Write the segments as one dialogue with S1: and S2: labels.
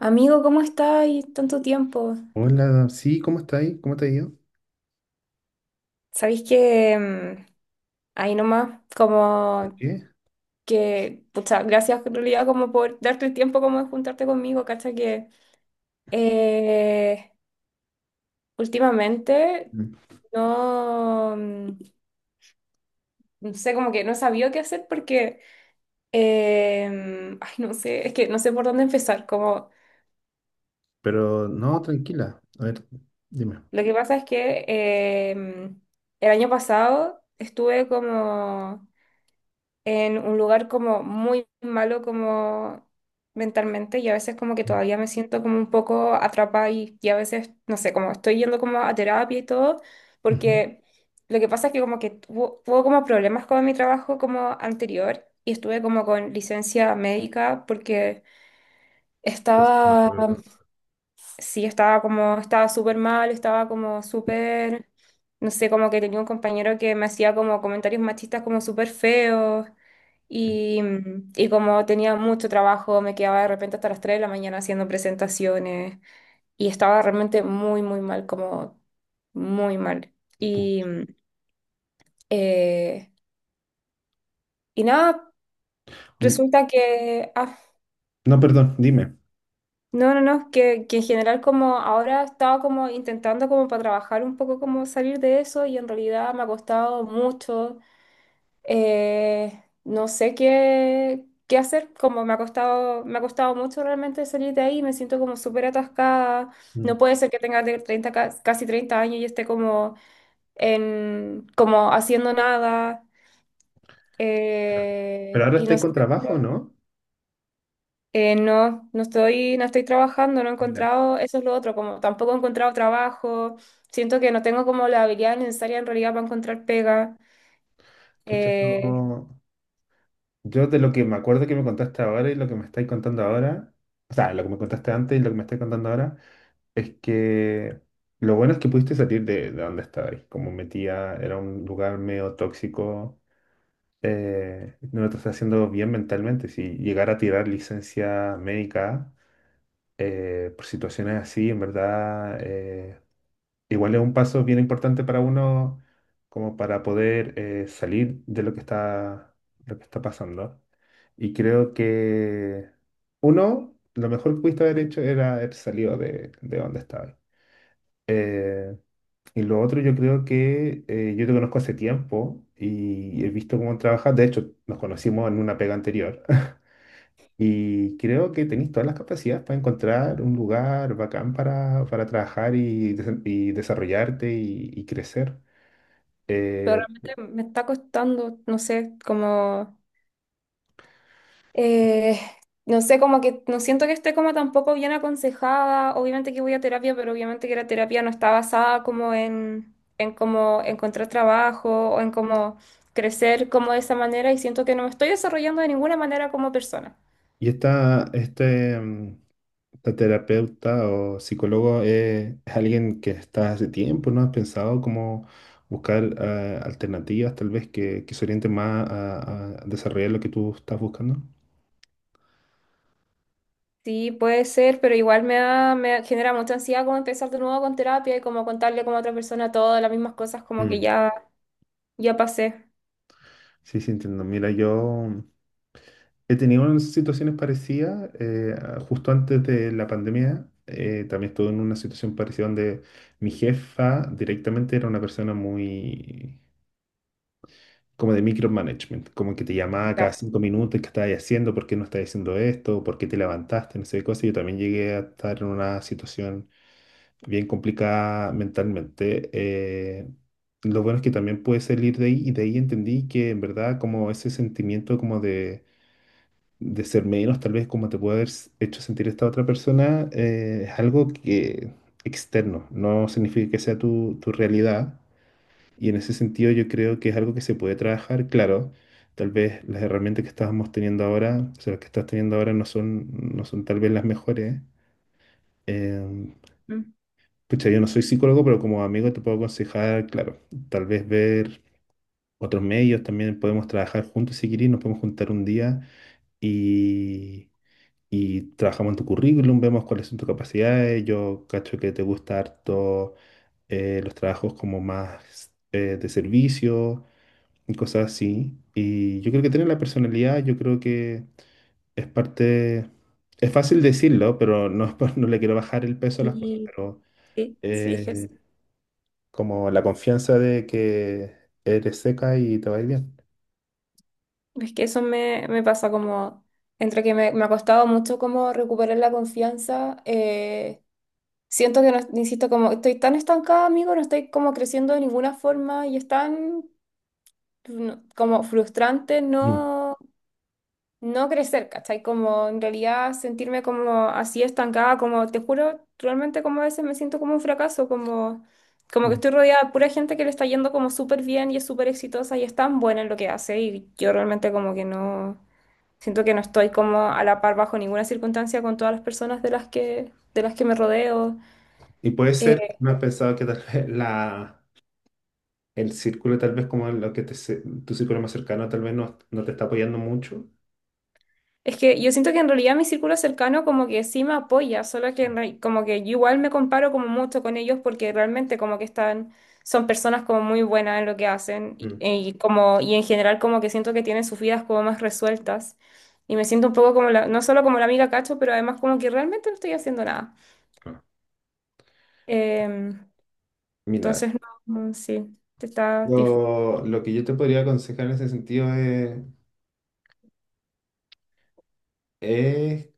S1: Amigo, ¿cómo estáis? Tanto tiempo.
S2: Hola, sí, ¿cómo está ahí? ¿Cómo te ha ido?
S1: Sabéis que ahí nomás,
S2: ¿Por qué?
S1: pucha, gracias en realidad como por darte el tiempo como de juntarte conmigo, cacha que eh, últimamente
S2: Mm.
S1: no, no sé, como que no sabía qué hacer porque, ay, no sé, es que no sé por dónde empezar. Como,
S2: Pero no, tranquila. A ver, dime.
S1: lo que pasa es que el año pasado estuve como en un lugar como muy malo como mentalmente y a veces como que
S2: Mm.
S1: todavía me siento como un poco atrapada y a veces, no sé, como estoy yendo como a terapia y todo,
S2: Ujú.
S1: porque lo que pasa es que como que tuvo como problemas con mi trabajo como anterior y estuve como con licencia médica porque
S2: Pues, no,
S1: estaba.
S2: acuerdo.
S1: Sí, estaba como, estaba súper mal, estaba como súper, no sé, como que tenía un compañero que me hacía como comentarios machistas como súper feos y, y como tenía mucho trabajo, me quedaba de repente hasta las 3 de la mañana haciendo presentaciones y estaba realmente muy mal, como muy mal. Y,
S2: Pucha.
S1: eh, y nada,
S2: Mm,
S1: resulta que...
S2: no, perdón, dime.
S1: no, no, no, que en general como ahora estaba como intentando como para trabajar un poco como salir de eso y en realidad me ha costado mucho, no sé qué, qué hacer, como me ha costado mucho realmente salir de ahí, me siento como súper atascada, no
S2: Mm.
S1: puede ser que tenga de 30 casi 30 años y esté como en, como haciendo nada,
S2: Pero ahora
S1: y no
S2: estáis
S1: sé.
S2: con trabajo, ¿no?
S1: No, no estoy, no estoy trabajando, no he
S2: Ya.
S1: encontrado, eso es lo otro, como tampoco he encontrado trabajo, siento que no tengo como la habilidad necesaria en realidad para encontrar pega,
S2: Pucha,
S1: eh,
S2: yo de lo que me acuerdo que me contaste ahora y lo que me estáis contando ahora, o sea, lo que me contaste antes y lo que me estáis contando ahora, es que lo bueno es que pudiste salir de donde estabais. Como metía, era un lugar medio tóxico. No lo estás haciendo bien mentalmente. Si llegar a tirar licencia médica por situaciones así, en verdad, igual es un paso bien importante para uno como para poder salir de lo que está pasando. Y creo que uno, lo mejor que pudiste haber hecho era haber salido de donde estaba. Eh, y lo otro, yo creo que yo te conozco hace tiempo y he visto cómo trabajas. De hecho, nos conocimos en una pega anterior. Y creo que tenéis todas las capacidades para encontrar un lugar bacán para trabajar y, y desarrollarte y crecer.
S1: pero
S2: Eh,
S1: realmente me está costando, no sé, como, eh, no sé, como que no siento que esté como tampoco bien aconsejada, obviamente que voy a terapia, pero obviamente que la terapia no está basada como en como encontrar trabajo o en como crecer como de esa manera y siento que no me estoy desarrollando de ninguna manera como persona.
S2: y este, la terapeuta o psicólogo es alguien que está hace tiempo, ¿no? ¿Has pensado cómo buscar alternativas tal vez que se orienten más a desarrollar lo que tú estás buscando?
S1: Sí, puede ser, pero igual me genera mucha ansiedad como empezar de nuevo con terapia y como contarle como a otra persona todas las mismas cosas como que
S2: Mm,
S1: ya, ya pasé.
S2: Sí, sí, entiendo. Mira, yo he tenido unas situaciones parecidas justo antes de la pandemia. También estuve en una situación parecida donde mi jefa directamente era una persona muy, como de micromanagement, como que te llamaba cada
S1: Ya.
S2: 5 minutos, qué estabas haciendo, por qué no estabas haciendo esto, por qué te levantaste, no sé qué cosa. Yo también llegué a estar en una situación bien complicada mentalmente. Lo bueno es que también pude salir de ahí y de ahí entendí que en verdad como ese sentimiento como de ser menos, tal vez como te puede haber hecho sentir esta otra persona, es algo que externo, no significa que sea tu realidad. Y en ese sentido yo creo que es algo que se puede trabajar, claro. Tal vez las herramientas que estábamos teniendo ahora, o sea, las que estás teniendo ahora no son tal vez las mejores. Em,
S1: Mm.
S2: pucha, yo no soy psicólogo, pero como amigo te puedo aconsejar, claro, tal vez ver otros medios, también podemos trabajar juntos si querés, nos podemos juntar un día y, y trabajamos en tu currículum, vemos cuáles son tus capacidades. Yo cacho que te gusta harto los trabajos como más de servicio y cosas así. Y yo creo que tener la personalidad, yo creo que es parte, es fácil decirlo, pero no, no le quiero bajar el peso a las cosas,
S1: Sí,
S2: pero
S1: sí, sí,
S2: eh, como la confianza de que eres seca y te va a ir bien.
S1: es que eso me, me pasa como, entre que me ha costado mucho como recuperar la confianza, siento que, no, insisto, como estoy tan estancada, amigo, no estoy como creciendo de ninguna forma y es tan no, como frustrante,
S2: Mm.
S1: ¿no? No crecer, ¿cachai? Como en realidad sentirme como así estancada, como te juro, realmente como a veces me siento como un fracaso, como, como que
S2: Mm.
S1: estoy rodeada de pura gente que le está yendo como súper bien y es súper exitosa y es tan buena en lo que hace y yo realmente como que no, siento que no estoy como a la par bajo ninguna circunstancia con todas las personas de las que me rodeo.
S2: Y puede ser, no has pensado que tal vez el círculo, tal vez como lo que te, se- tu círculo más cercano, tal vez no te está apoyando mucho.
S1: Es que yo siento que en realidad mi círculo cercano como que sí me apoya, solo que como que yo igual me comparo como mucho con ellos porque realmente como que están, son personas como muy buenas en lo que hacen
S2: Mm.
S1: y como, y en general como que siento que tienen sus vidas como más resueltas y me siento un poco como la, no solo como la amiga cacho, pero además como que realmente no estoy haciendo nada.
S2: Ah.
S1: Em,
S2: Mira,
S1: entonces, no, no, sí, te está dif-
S2: lo que yo te podría aconsejar en ese sentido es: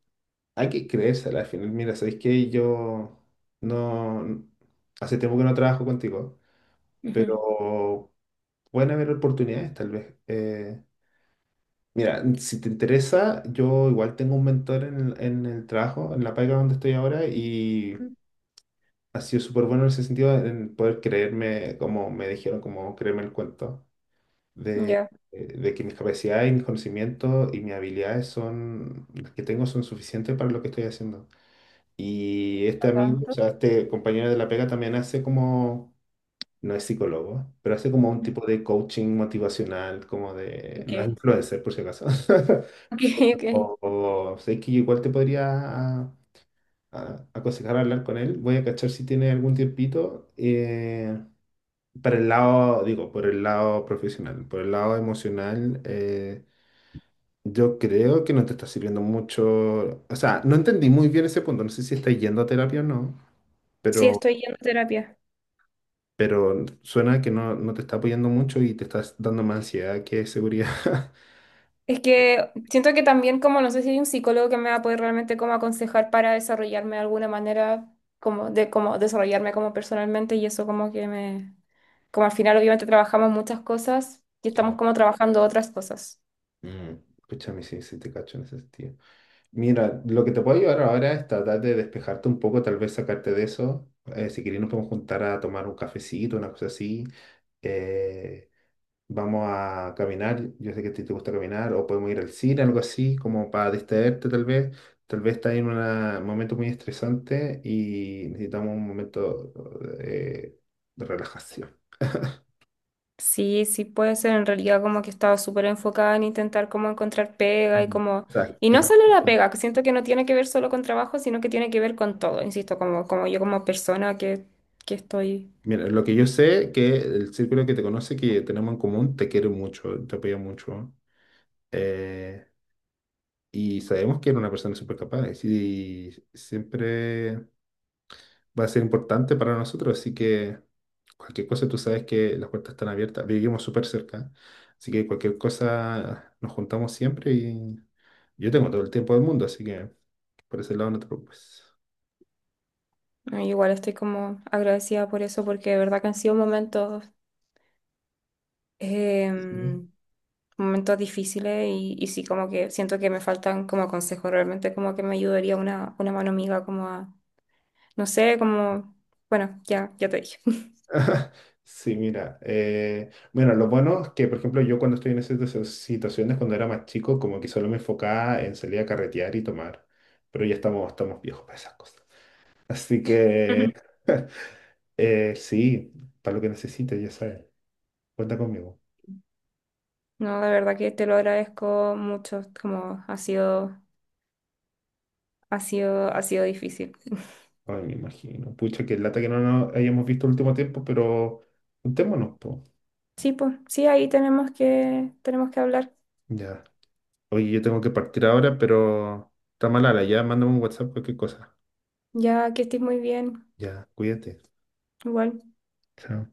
S2: hay que creérsela al final. Mira, ¿sabéis que Yo no... Hace tiempo que no trabajo contigo, pero pueden haber oportunidades tal vez. Mira, si te interesa, yo igual tengo un mentor en el trabajo, en la pega donde estoy ahora, y
S1: Ujú.
S2: ha sido súper bueno en ese sentido, en poder creerme, como me dijeron, como creerme el cuento, de,
S1: Ya.
S2: de que mis capacidades y mis conocimientos y mis habilidades son, las que tengo son suficientes para lo que estoy haciendo. Y
S1: Está
S2: este amigo, o
S1: tanto.
S2: sea, este compañero de la pega también hace como, no es psicólogo, pero hace como un tipo de coaching motivacional, no es
S1: Ok.
S2: influencer por si acaso.
S1: Ok, ok.
S2: O sé que igual te podría a- aconsejar hablar con él. Voy a cachar si tiene algún tiempito. Para el lado, digo, por el lado profesional, por el lado emocional, yo creo que no te está sirviendo mucho. O sea, no entendí muy bien ese punto. No sé si estás yendo a terapia o no,
S1: Sí,
S2: pero...
S1: estoy yendo a terapia.
S2: pero suena que no te está apoyando mucho y te estás dando más ansiedad que seguridad.
S1: Es que siento que también como no sé si hay un psicólogo que me va a poder realmente como aconsejar para desarrollarme de alguna manera, como de como desarrollarme como personalmente y eso como que me, como al final obviamente trabajamos muchas cosas y estamos
S2: Claro.
S1: como trabajando otras cosas.
S2: Escúchame, sí, sí te cacho en ese sentido. Mira, lo que te puedo ayudar ahora es tratar de despejarte un poco, tal vez sacarte de eso. Si querés nos podemos juntar a tomar un cafecito, una cosa así. Eh, Vamos a caminar, yo sé que a ti te gusta caminar, o podemos ir al cine, algo así, como para distraerte tal vez. Tal vez estás en un momento muy estresante y necesitamos un momento eh, de relajación.
S1: Sí, sí puede ser en realidad como que estaba estado súper enfocada en intentar como encontrar pega y
S2: Mm,
S1: como,
S2: Exacto.
S1: y no solo la
S2: Exacto.
S1: pega, que siento que no tiene que ver solo con trabajo, sino que tiene que ver con todo, insisto, como, como yo como persona que estoy.
S2: Mira, lo que yo sé que el círculo que te conoce, que tenemos en común, te quiere mucho, te apoya mucho. eh, y sabemos que eres una persona súper capaz y siempre va a ser importante para nosotros, así que cualquier cosa tú sabes que las puertas están abiertas, vivimos súper cerca, así que cualquier cosa nos juntamos siempre y yo tengo todo el tiempo del mundo, así que por ese lado no te preocupes.
S1: No, igual estoy como agradecida por eso, porque de verdad que han sido momentos,
S2: Sí,
S1: em, momentos difíciles y sí, como que siento que me faltan como consejos, realmente como que me ayudaría una mano amiga como a, no sé, como, bueno, ya, ya te dije.
S2: sí, mira, bueno, lo bueno es que, por ejemplo, yo cuando estoy en esas situaciones, cuando era más chico, como que solo me enfocaba en salir a carretear y tomar, pero ya estamos viejos para esas cosas. Así
S1: Ujú.
S2: que, sí, para lo que necesites, ya sabes. Cuenta conmigo.
S1: No, de verdad que te lo agradezco mucho, como ha sido, ha sido difícil.
S2: Ay, me imagino. Pucha, qué lata que no nos hayamos visto el último tiempo, pero juntémonos, po.
S1: Sí, pues, sí, ahí tenemos que hablar.
S2: Ya. Oye, yo tengo que partir ahora, pero está malala, ya. Mándame un WhatsApp, cualquier cosa.
S1: Ya que estés muy bien,
S2: Ya, cuídate.
S1: igual.
S2: Chao.